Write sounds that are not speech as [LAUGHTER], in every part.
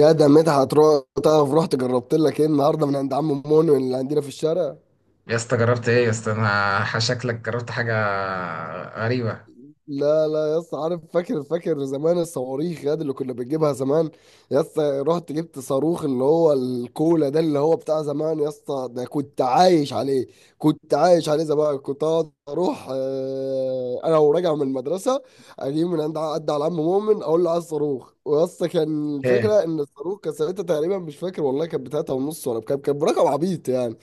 يا ده مدحت تعرف، رحت جربت لك ايه النهارده من عند عم مونو اللي عندنا في الشارع. يا اسطى جربت ايه يا اسطى؟ انا شكلك جربت حاجه غريبه. لا لا يا اسطى، عارف؟ فاكر فاكر زمان الصواريخ ياد اللي كنا بنجيبها زمان. يا اسطى، رحت جبت صاروخ اللي هو الكولا ده اللي هو بتاع زمان. يا اسطى، ده كنت عايش عليه، كنت عايش عليه زمان. كنت اقعد اروح انا وراجع من المدرسه، اجيب من عند عد على عم مؤمن، اقول له عايز صاروخ. ويا اسطى، كان الفكره ايه ان الصاروخ كان ساعتها تقريبا مش فاكر والله، كانت بتلاته ونص، ولا كان برقم عبيط يعني.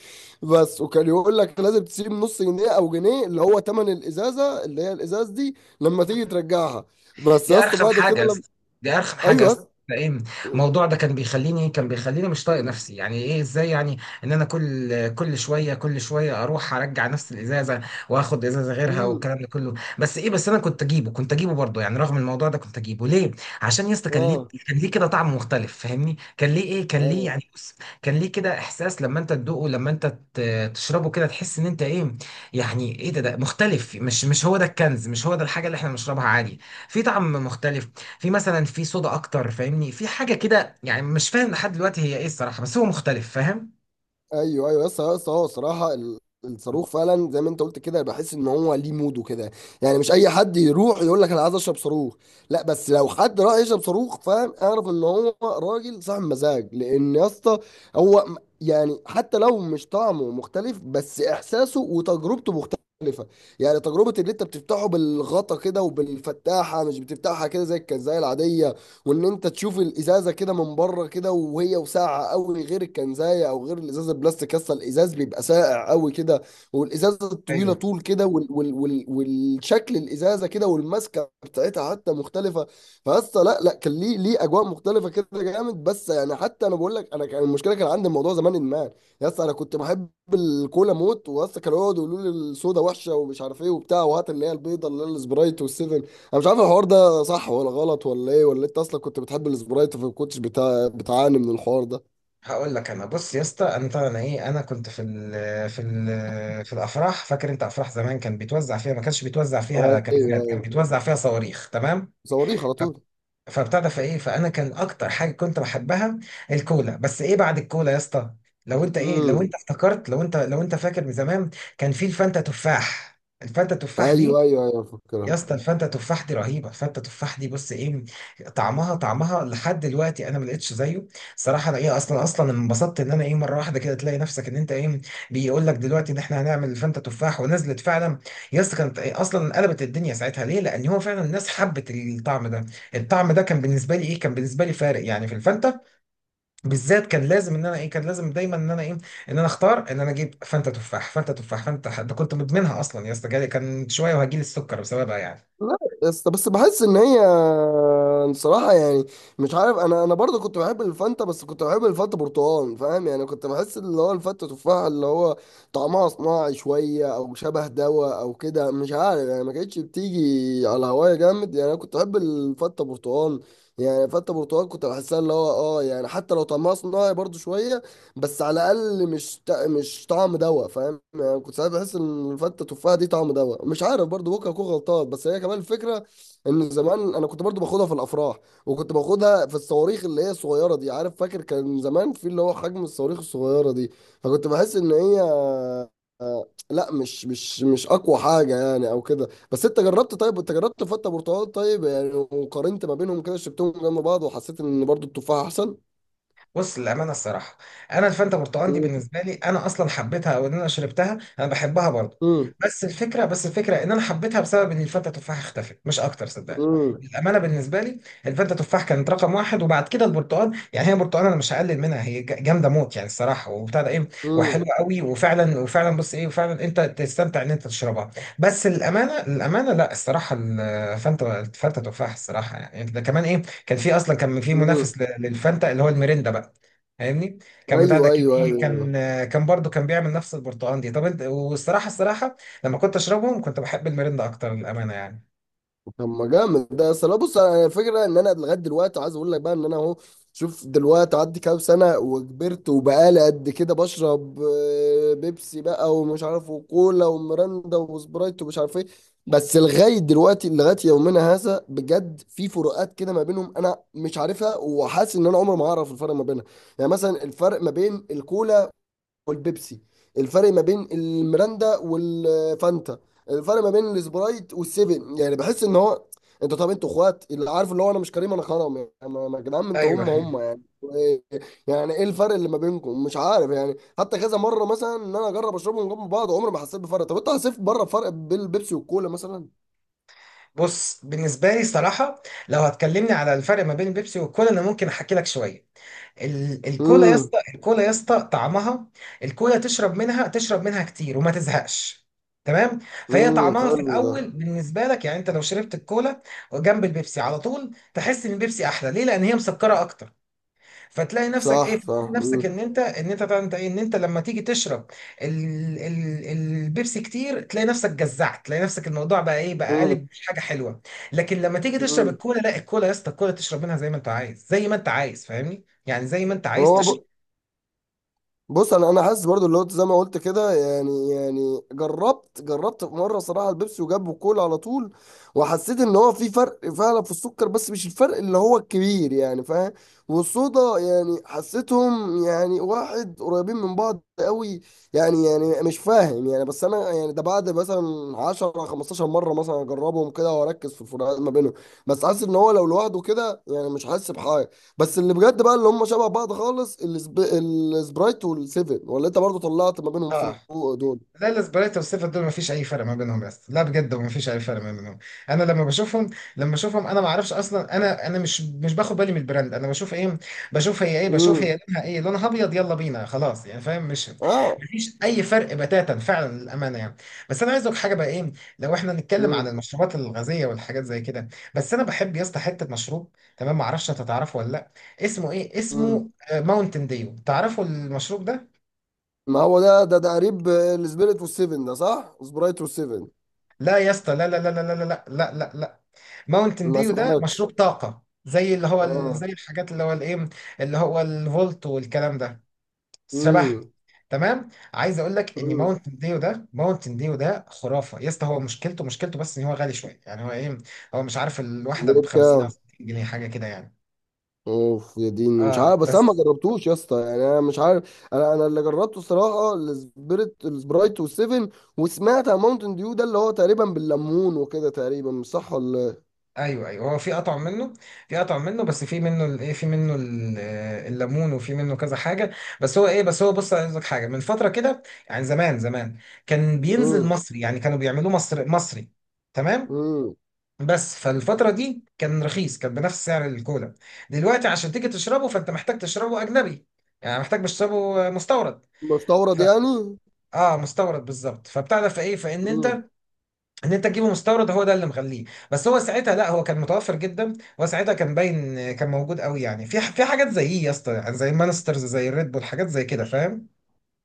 بس وكان يقول لك لازم تسيب نص جنيه او جنيه، اللي هو تمن الازازه اللي هي الازاز دي، لما تيجي ترجعها. بس دي؟ يا اسطى ارخم بعد كده حاجه يا لما... اسطى. دي ارخم حاجه يا ايوه [LAUGHS] يا اسطى. اسطى. فاهم؟ الموضوع ده كان بيخليني مش طايق نفسي. يعني ايه؟ ازاي يعني ان انا كل شويه كل شويه اروح ارجع نفس الازازه، واخد ازازه غيرها امم. والكلام ده كله؟ بس ايه، بس انا كنت اجيبه برضه يعني، رغم الموضوع ده كنت اجيبه ليه؟ عشان يا اسطى كان ليه اه. كان ليه كده طعم مختلف فاهمني، كان ليه ايه، كان ليه ايوه يعني، بص، كان ليه كده احساس لما انت تدوقه، تشربه كده تحس ان انت ايه، يعني ايه؟ ده مختلف، مش هو ده الكنز، مش هو ده الحاجه اللي احنا بنشربها عادي؟ في طعم مختلف، في مثلا في صودا اكتر فاهمني، في حاجه كده يعني مش فاهم لحد دلوقتي هي ايه الصراحه، بس هو مختلف فاهم. ايوه ايوه، يس يس، هو صراحه الصاروخ فعلا زي ما انت قلت كده، بحس ان هو ليه موده كده. يعني مش اي حد يروح يقول لك انا عايز اشرب صاروخ. لا، بس لو حد راح يشرب صاروخ، فاهم، اعرف ان هو راجل صاحب مزاج. لان يا اسطى هو م- يعني حتى لو مش طعمه مختلف، بس احساسه وتجربته مختلفه. يعني تجربه اللي انت بتفتحه بالغطا كده وبالفتاحه، مش بتفتحها كده زي الكنزايه العاديه. وان انت تشوف الازازه كده من بره كده وهي وساقعه قوي، غير الكنزايه او غير الازازه البلاستيك. اصلا الازاز بيبقى ساقع قوي كده، والازازه الطويله ايوه طول كده، وال والشكل الازازه كده، والماسكه بتاعتها حتى مختلفه. فاصلا لا لا، كان ليه ليه اجواء مختلفه كده جامد. بس يعني حتى انا بقول لك، انا كان المشكله كان عندي الموضوع زمان ادمان. يا اسطى انا كنت بحب الكولا موت. واسطى كانوا يقعدوا يقولوا لي السودا وحشه ومش عارف ايه وبتاع، وهات اللي هي البيضه اللي هي السبرايت والسيفن. انا مش عارف الحوار ده صح ولا غلط ولا ايه، ولا انت اصلا كنت بتحب السبرايت فما كنتش بتعاني من الحوار ده. هقول لك، انا بص يا اسطى، انا طبعا ايه، انا كنت في الافراح، فاكر انت افراح زمان كان بيتوزع فيها، ما كانش بيتوزع ايوه فيها ايوه، كنزات، كان بيتوزع فيها صواريخ، تمام؟ صواريخ على ف- طول. فبتاع في ايه فانا كان اكتر حاجه كنت بحبها الكولا، بس ايه، بعد الكولا يا اسطى، لو انت ايه، لو امم. انت افتكرت، لو انت لو انت فاكر من زمان كان في الفانتا تفاح. الفانتا تفاح دي ايوه ايوه ايوه، يا فكرها. اسطى، الفته تفاح دي رهيبه، الفته تفاح دي بص ايه، طعمها طعمها لحد دلوقتي انا ما لقيتش زيه صراحه. انا ايه، اصلا اصلا انبسطت ان انا ايه، مره واحده كده تلاقي نفسك ان انت ايه، بيقول لك دلوقتي ان احنا هنعمل الفته تفاح، ونزلت فعلا. يا اسطى كانت إيه، اصلا قلبت الدنيا ساعتها، ليه؟ لان هو فعلا الناس حبت الطعم ده. الطعم ده كان بالنسبه لي ايه، كان بالنسبه لي فارق يعني. في الفته بالذات كان لازم ان انا ايه، كان لازم دايما ان انا ايه، ان انا اختار ان انا اجيب فانتا تفاح. فانتا تفاح فانتا ده كنت مدمنها اصلا يا اسطى، جالي كان شويه وهجيلي السكر بسببها يعني. لا، بس بحس ان هي بصراحه يعني مش عارف، انا برضو كنت بحب الفانتا، بس كنت بحب الفانتا برتقال. فاهم يعني؟ كنت بحس اللي هو الفانتا تفاح اللي هو طعمها صناعي شويه او شبه دواء او كده، مش عارف يعني. ما كانتش بتيجي على هوايا جامد يعني. انا كنت بحب الفانتا برتقال. يعني فانتا برتقال كنت بحسها اللي هو اه، يعني حتى لو طعمها صناعي برضو شويه، بس على الاقل مش مش طعم دواء. فاهم يعني؟ كنت ساعات بحس ان الفته تفاحه دي طعم دواء، مش عارف، برضو ممكن اكون غلطان. بس هي كمان الفكره ان زمان انا كنت برضو باخدها في الافراح، وكنت باخدها في الصواريخ اللي هي الصغيره دي. عارف؟ فاكر كان زمان في اللي هو حجم الصواريخ الصغيره دي. فكنت بحس ان هي لا، مش اقوى حاجه يعني او كده. بس انت جربت؟ طيب، انت جربت فته برتقال طيب يعني؟ وقارنت ما بينهم كده، شربتهم جنب بعض، وحسيت ان برضو التفاح احسن. بص للامانه الصراحه، انا الفانتا برتقال دي بالنسبه لي انا اصلا حبيتها، او ان انا شربتها انا بحبها برضه. امم. بس الفكره، بس الفكره ان انا حبيتها بسبب ان الفانتا تفاح اختفت، مش اكتر صدقني. امم. للامانه بالنسبه لي الفانتا تفاح كانت رقم واحد، وبعد كده البرتقال يعني. هي برتقال انا مش هقلل منها، هي جامده موت يعني الصراحه، وبتاع ده ايه، وحلوه امم. قوي، وفعلا وفعلا بص ايه، وفعلا انت تستمتع ان انت تشربها. بس للامانه للامانه لا، الصراحه الفانتا الفانتا تفاح الصراحه يعني ده كمان ايه، كان في اصلا كان في مم. منافس للفانتا، اللي هو الميريندا بقى، فاهمني، كان بتاع ده ايوه كان ايوه ايه، ايوه. كان كان برضو كان بيعمل نفس البرتقال دي. طب انت، والصراحه الصراحه لما كنت اشربهم كنت بحب الميريندا اكتر للامانه يعني. طب ما جامد ده. اصل أنا بص، انا الفكره ان انا لغايه دلوقتي عايز اقول لك بقى ان انا اهو. شوف دلوقتي، عدي كام سنه وكبرت وبقالي قد كده بشرب بيبسي بقى ومش عارف وكولا وميرندا وسبرايت ومش عارف ايه. بس لغايه دلوقتي، لغايه يومنا هذا، بجد في فروقات كده ما بينهم انا مش عارفها، وحاسس ان انا عمري ما هعرف الفرق ما بينها. يعني مثلا الفرق ما بين الكولا والبيبسي، الفرق ما بين الميراندا والفانتا، الفرق ما بين السبرايت والسيفن، يعني بحس ان هو انت... طب انتوا اخوات اللي عارف اللي هو انا مش كريم انا كرم يعني انا أنا. يا جدعان انتوا ايوه هم هم يعني إيه- يعني ايه الفرق اللي ما بينكم؟ مش عارف يعني. حتى كذا مره مثلا ان انا اجرب اشربهم جنب بعض، عمري ما حسيت بفرق. طب انت حسيت بره فرق بين البيبسي والكولا مثلا؟ بص بالنسبه لي صراحه، لو هتكلمني على الفرق ما بين البيبسي والكولا انا ممكن احكي لك شويه. الكولا يا امم. اسطى، الكولا يا اسطى طعمها، الكولا تشرب منها، تشرب منها كتير وما تزهقش، تمام؟ فهي امم، طعمها في حلو ده. الاول بالنسبه لك يعني، انت لو شربت الكولا جنب البيبسي على طول، تحس ان البيبسي احلى، ليه؟ لان هي مسكره اكتر. فتلاقي نفسك ايه، صح صح. فتلاقي نفسك امم. ان انت لما تيجي تشرب ال ال البيبسي كتير، تلاقي نفسك جزعت، تلاقي نفسك الموضوع بقى ايه، بقى قالب مش حاجه حلوه. لكن لما تيجي تشرب امم. الكولا، لا، الكولا يا اسطى، الكولا تشرب منها زي ما انت عايز، زي ما انت عايز فاهمني، يعني زي ما انت عايز هو تشرب. ب... بص انا، انا حاسس برضو اللي هو زي ما قلت كده يعني. يعني جربت في مره صراحه البيبسي وجابوا كولا على طول، وحسيت ان هو في فرق فعلا في السكر، بس مش الفرق اللي هو الكبير يعني. فاهم؟ والصودا يعني حسيتهم يعني واحد قريبين من بعض قوي. يعني يعني مش فاهم يعني، بس انا يعني ده بعد مثلا 10 15 مره مثلا اجربهم كده واركز في الفروقات ما بينهم. بس حاسس ان هو لو لوحده كده يعني مش حاسس بحاجه. بس اللي بجد بقى اللي هم شبه بعض خالص، السبرايت والسيفن، ولا انت برضو طلعت ما بينهم اه. فروق دول؟ لا، الاسبريتو والسيفن دول مفيش اي فرق ما بينهم يا اسطى، لا بجد مفيش اي فرق ما بينهم. انا لما بشوفهم انا ما اعرفش اصلا، انا مش باخد بالي من البراند، انا بشوف ايه، بشوف هي ايه، بشوف امم. هي لونها ايه، لونها ابيض، يلا بينا خلاص يعني فاهم؟ مش اه. مفيش اي فرق بتاتا فعلا للامانه يعني. بس انا عايز اقول لك حاجه بقى ايه، لو احنا نتكلم عن امم. المشروبات الغازيه والحاجات زي كده، بس انا بحب يا اسطى حته مشروب، تمام؟ ما اعرفش انت تعرفه ولا لا، اسمه ايه، امم. اسمه ماونتن ديو، تعرفوا المشروب ده؟ ما هو ده تقريب السبيريت والسيفن ده، صح؟ سبرايت والسيفن. لا يا اسطى، لا لا لا لا لا لا لا لا لا، ماونتن ما ديو ده مشروب اسمحلكش. طاقة، زي اللي هو اه. زي الحاجات اللي هو الايه، اللي هو الفولت والكلام ده، شبهها. امم. تمام؟ عايز اقول لك ان امم. ماونتن ديو ده، ماونتن ديو ده خرافه يا اسطى، هو مشكلته، مشكلته بس ان هو غالي شويه، يعني هو ايه، هو مش عارف الواحده ليه ب 50 كام؟ او 60 جنيه حاجه كده يعني. اوف يا ديني، مش عارف، اه بس انا ما بس. جربتوش يا اسطى يعني. انا مش عارف، انا، انا اللي جربته الصراحه السبيريت، السبرايت والسيفن. وسمعت عن ماونتن ديو ده اللي هو تقريبا بالليمون وكده، تقريبا، مش صح ولا ايوه ايوه، هو في قطع منه، في قطع منه، بس في منه الايه، في منه الليمون، وفي منه كذا حاجه. بس هو ايه، بس هو بص عايز لك حاجه من فتره كده، يعني زمان زمان كان بينزل إيه؟ مصري، يعني كانوا بيعملوه مصر مصري، تمام؟ امم. بس فالفتره دي كان رخيص، كان بنفس سعر الكولا. دلوقتي عشان تيجي تشربه فانت محتاج تشربه اجنبي، يعني محتاج مش تشربه مستورد. ف... مستورد يعني. اه مستورد بالظبط، فبتاع ده فايه، فان امم. انت ان انت تجيبه مستورد، هو ده اللي مخليه. بس هو ساعتها لا، هو كان متوفر جدا، هو ساعتها كان باين، كان موجود قوي يعني، في في حاجات زي إيه يا اسطى، يعني زي مانسترز، زي الريد بول، حاجات زي كده فاهم؟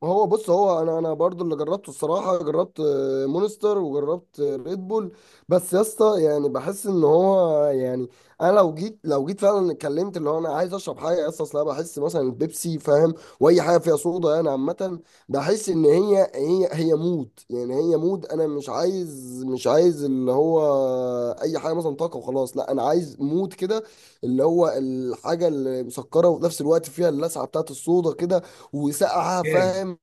هو بص، هو انا، انا برضو اللي جربته الصراحه جربت مونستر وجربت ريد بول. بس يا اسطى يعني بحس ان هو يعني انا لو جيت فعلا اتكلمت اللي هو انا عايز اشرب حاجه يا اسطى. اصل انا بحس مثلا البيبسي، فاهم، واي حاجه فيها صودا يعني عامه، بحس ان هي مود. يعني هي مود، انا مش عايز اللي هو اي حاجه مثلا طاقه وخلاص. لا، انا عايز مود كده، اللي هو الحاجه اللي مسكره وفي نفس الوقت فيها اللسعه بتاعت الصودا كده، وسقعه، جامد. فاهم؟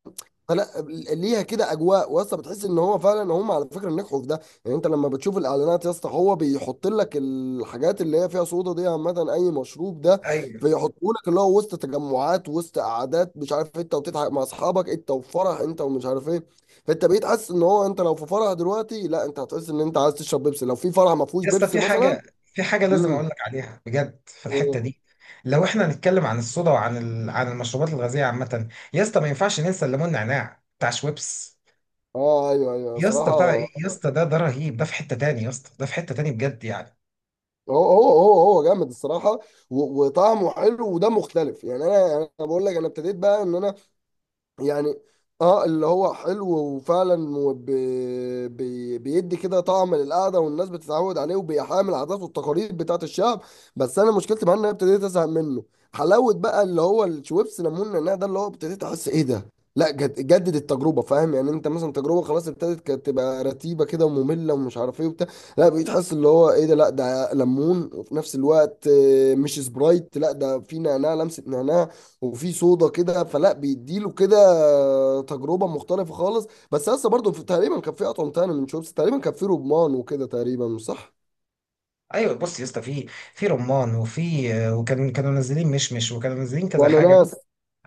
فلا، ليها كده اجواء. واسطى، بتحس ان هو فعلا هم على فكره نجحوا في ده. يعني انت لما بتشوف الاعلانات يا اسطى، هو بيحط لك الحاجات اللي هي فيها صودا دي عامه، اي مشروب ده، ايوه فيحطوا لك اللي هو وسط تجمعات، وسط قعدات، مش عارف إيه، انت وتضحك مع اصحابك، انت وفرح، انت ومش عارف ايه. فانت بقيت حاسس ان هو انت لو في فرح دلوقتي، لا انت هتحس ان انت عايز تشرب بيبسي لو في فرح ما فيهوش يا اسطى، بيبسي في مثلا. حاجه، في حاجه لازم امم. اقول لك عليها بجد في الحته إيه. دي، لو احنا هنتكلم عن الصودا وعن عن المشروبات الغازيه عامه يا اسطى، ما ينفعش ننسى الليمون نعناع بتاع شويبس. اه ايوه ايوه يا اسطى بتاع صراحه. ايه يا اسطى، ده ده رهيب، ده في حته تاني يا اسطى، ده في حته تاني بجد يعني. هو جامد الصراحه. وطعمه حلو ودمه مختلف يعني. انا انا بقول لك، انا ابتديت بقى ان انا يعني اه، اللي هو حلو وفعلا، بيدي كده طعم للقعده، والناس بتتعود عليه، وبيحامي العادات والتقاليد بتاعت الشعب. بس انا مشكلتي معاه ان انا ابتديت ازهق منه. حلاوه بقى اللي هو الشويبس ليمون نعناع ده، اللي هو ابتديت احس ايه ده؟ لا، جد جدد التجربه. فاهم يعني؟ انت مثلا تجربه خلاص ابتدت كانت تبقى رتيبه كده وممله ومش عارف ايه وبتاع. لا، بقيت حاسس اللي هو ايه ده، لا ده ليمون وفي نفس الوقت مش سبرايت، لا ده في نعناع، لمسه نعناع، وفي صودا كده، فلا بيديله كده تجربه مختلفه خالص. بس لسه برضه تقريبا كان في اطعم تاني من شوربه، تقريبا كان في رمان وكده، تقريبا مش صح؟ ايوه بص يا اسطى، في في رمان، وفي وكان كانوا منزلين مشمش، وكانوا منزلين كذا وانا حاجه. ناس.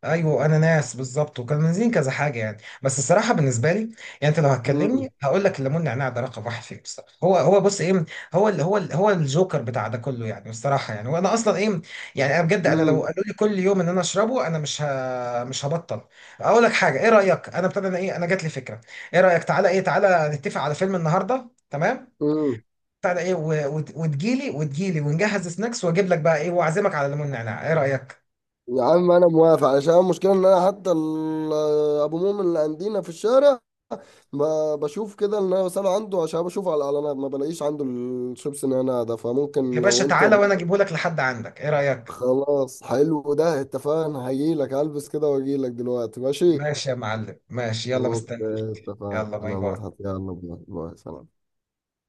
ايوه انا ناس بالظبط، وكانوا منزلين كذا حاجه يعني. بس الصراحه بالنسبه لي يعني، انت لو مم. هتكلمني هقول لك الليمون نعناع ده رقم واحد فيهم الصراحه. هو هو بص ايه، هو ال هو ال هو الجوكر بتاع ده كله يعني الصراحه، يعني وانا اصلا ايه، يعني انا بجد انا لو مم. قالوا لي كل يوم ان انا اشربه انا مش هبطل. اقول لك حاجه، ايه رايك؟ انا ابتدى انا ايه، انا جات لي فكره، ايه رايك تعالى نتفق على فيلم النهارده، تمام؟ مم. بتاع ده ايه، وتجيلي ونجهز سناكس، واجيب لك بقى ايه، واعزمك على ليمون نعناع، ايه رايك؟ يا عم انا موافق، علشان المشكله ان انا حتى ابو مؤمن اللي عندنا في الشارع، ما بشوف كده ان انا بساله عنده، عشان بشوف على الاعلانات ما بلاقيش عنده الشيبس نعناع ده. يا فممكن باشا لو انت تعالى وانا اجيبه لك لحد عندك، ايه رايك؟ خلاص، حلو ده، اتفقنا. هجيلك، هلبس كده واجيلك دلوقتي، ماشي؟ ماشي يا معلم، ماشي، يلا مستني، اوكي اتفقنا. يلا باي ما باي. تحط يلا باي باي، سلام.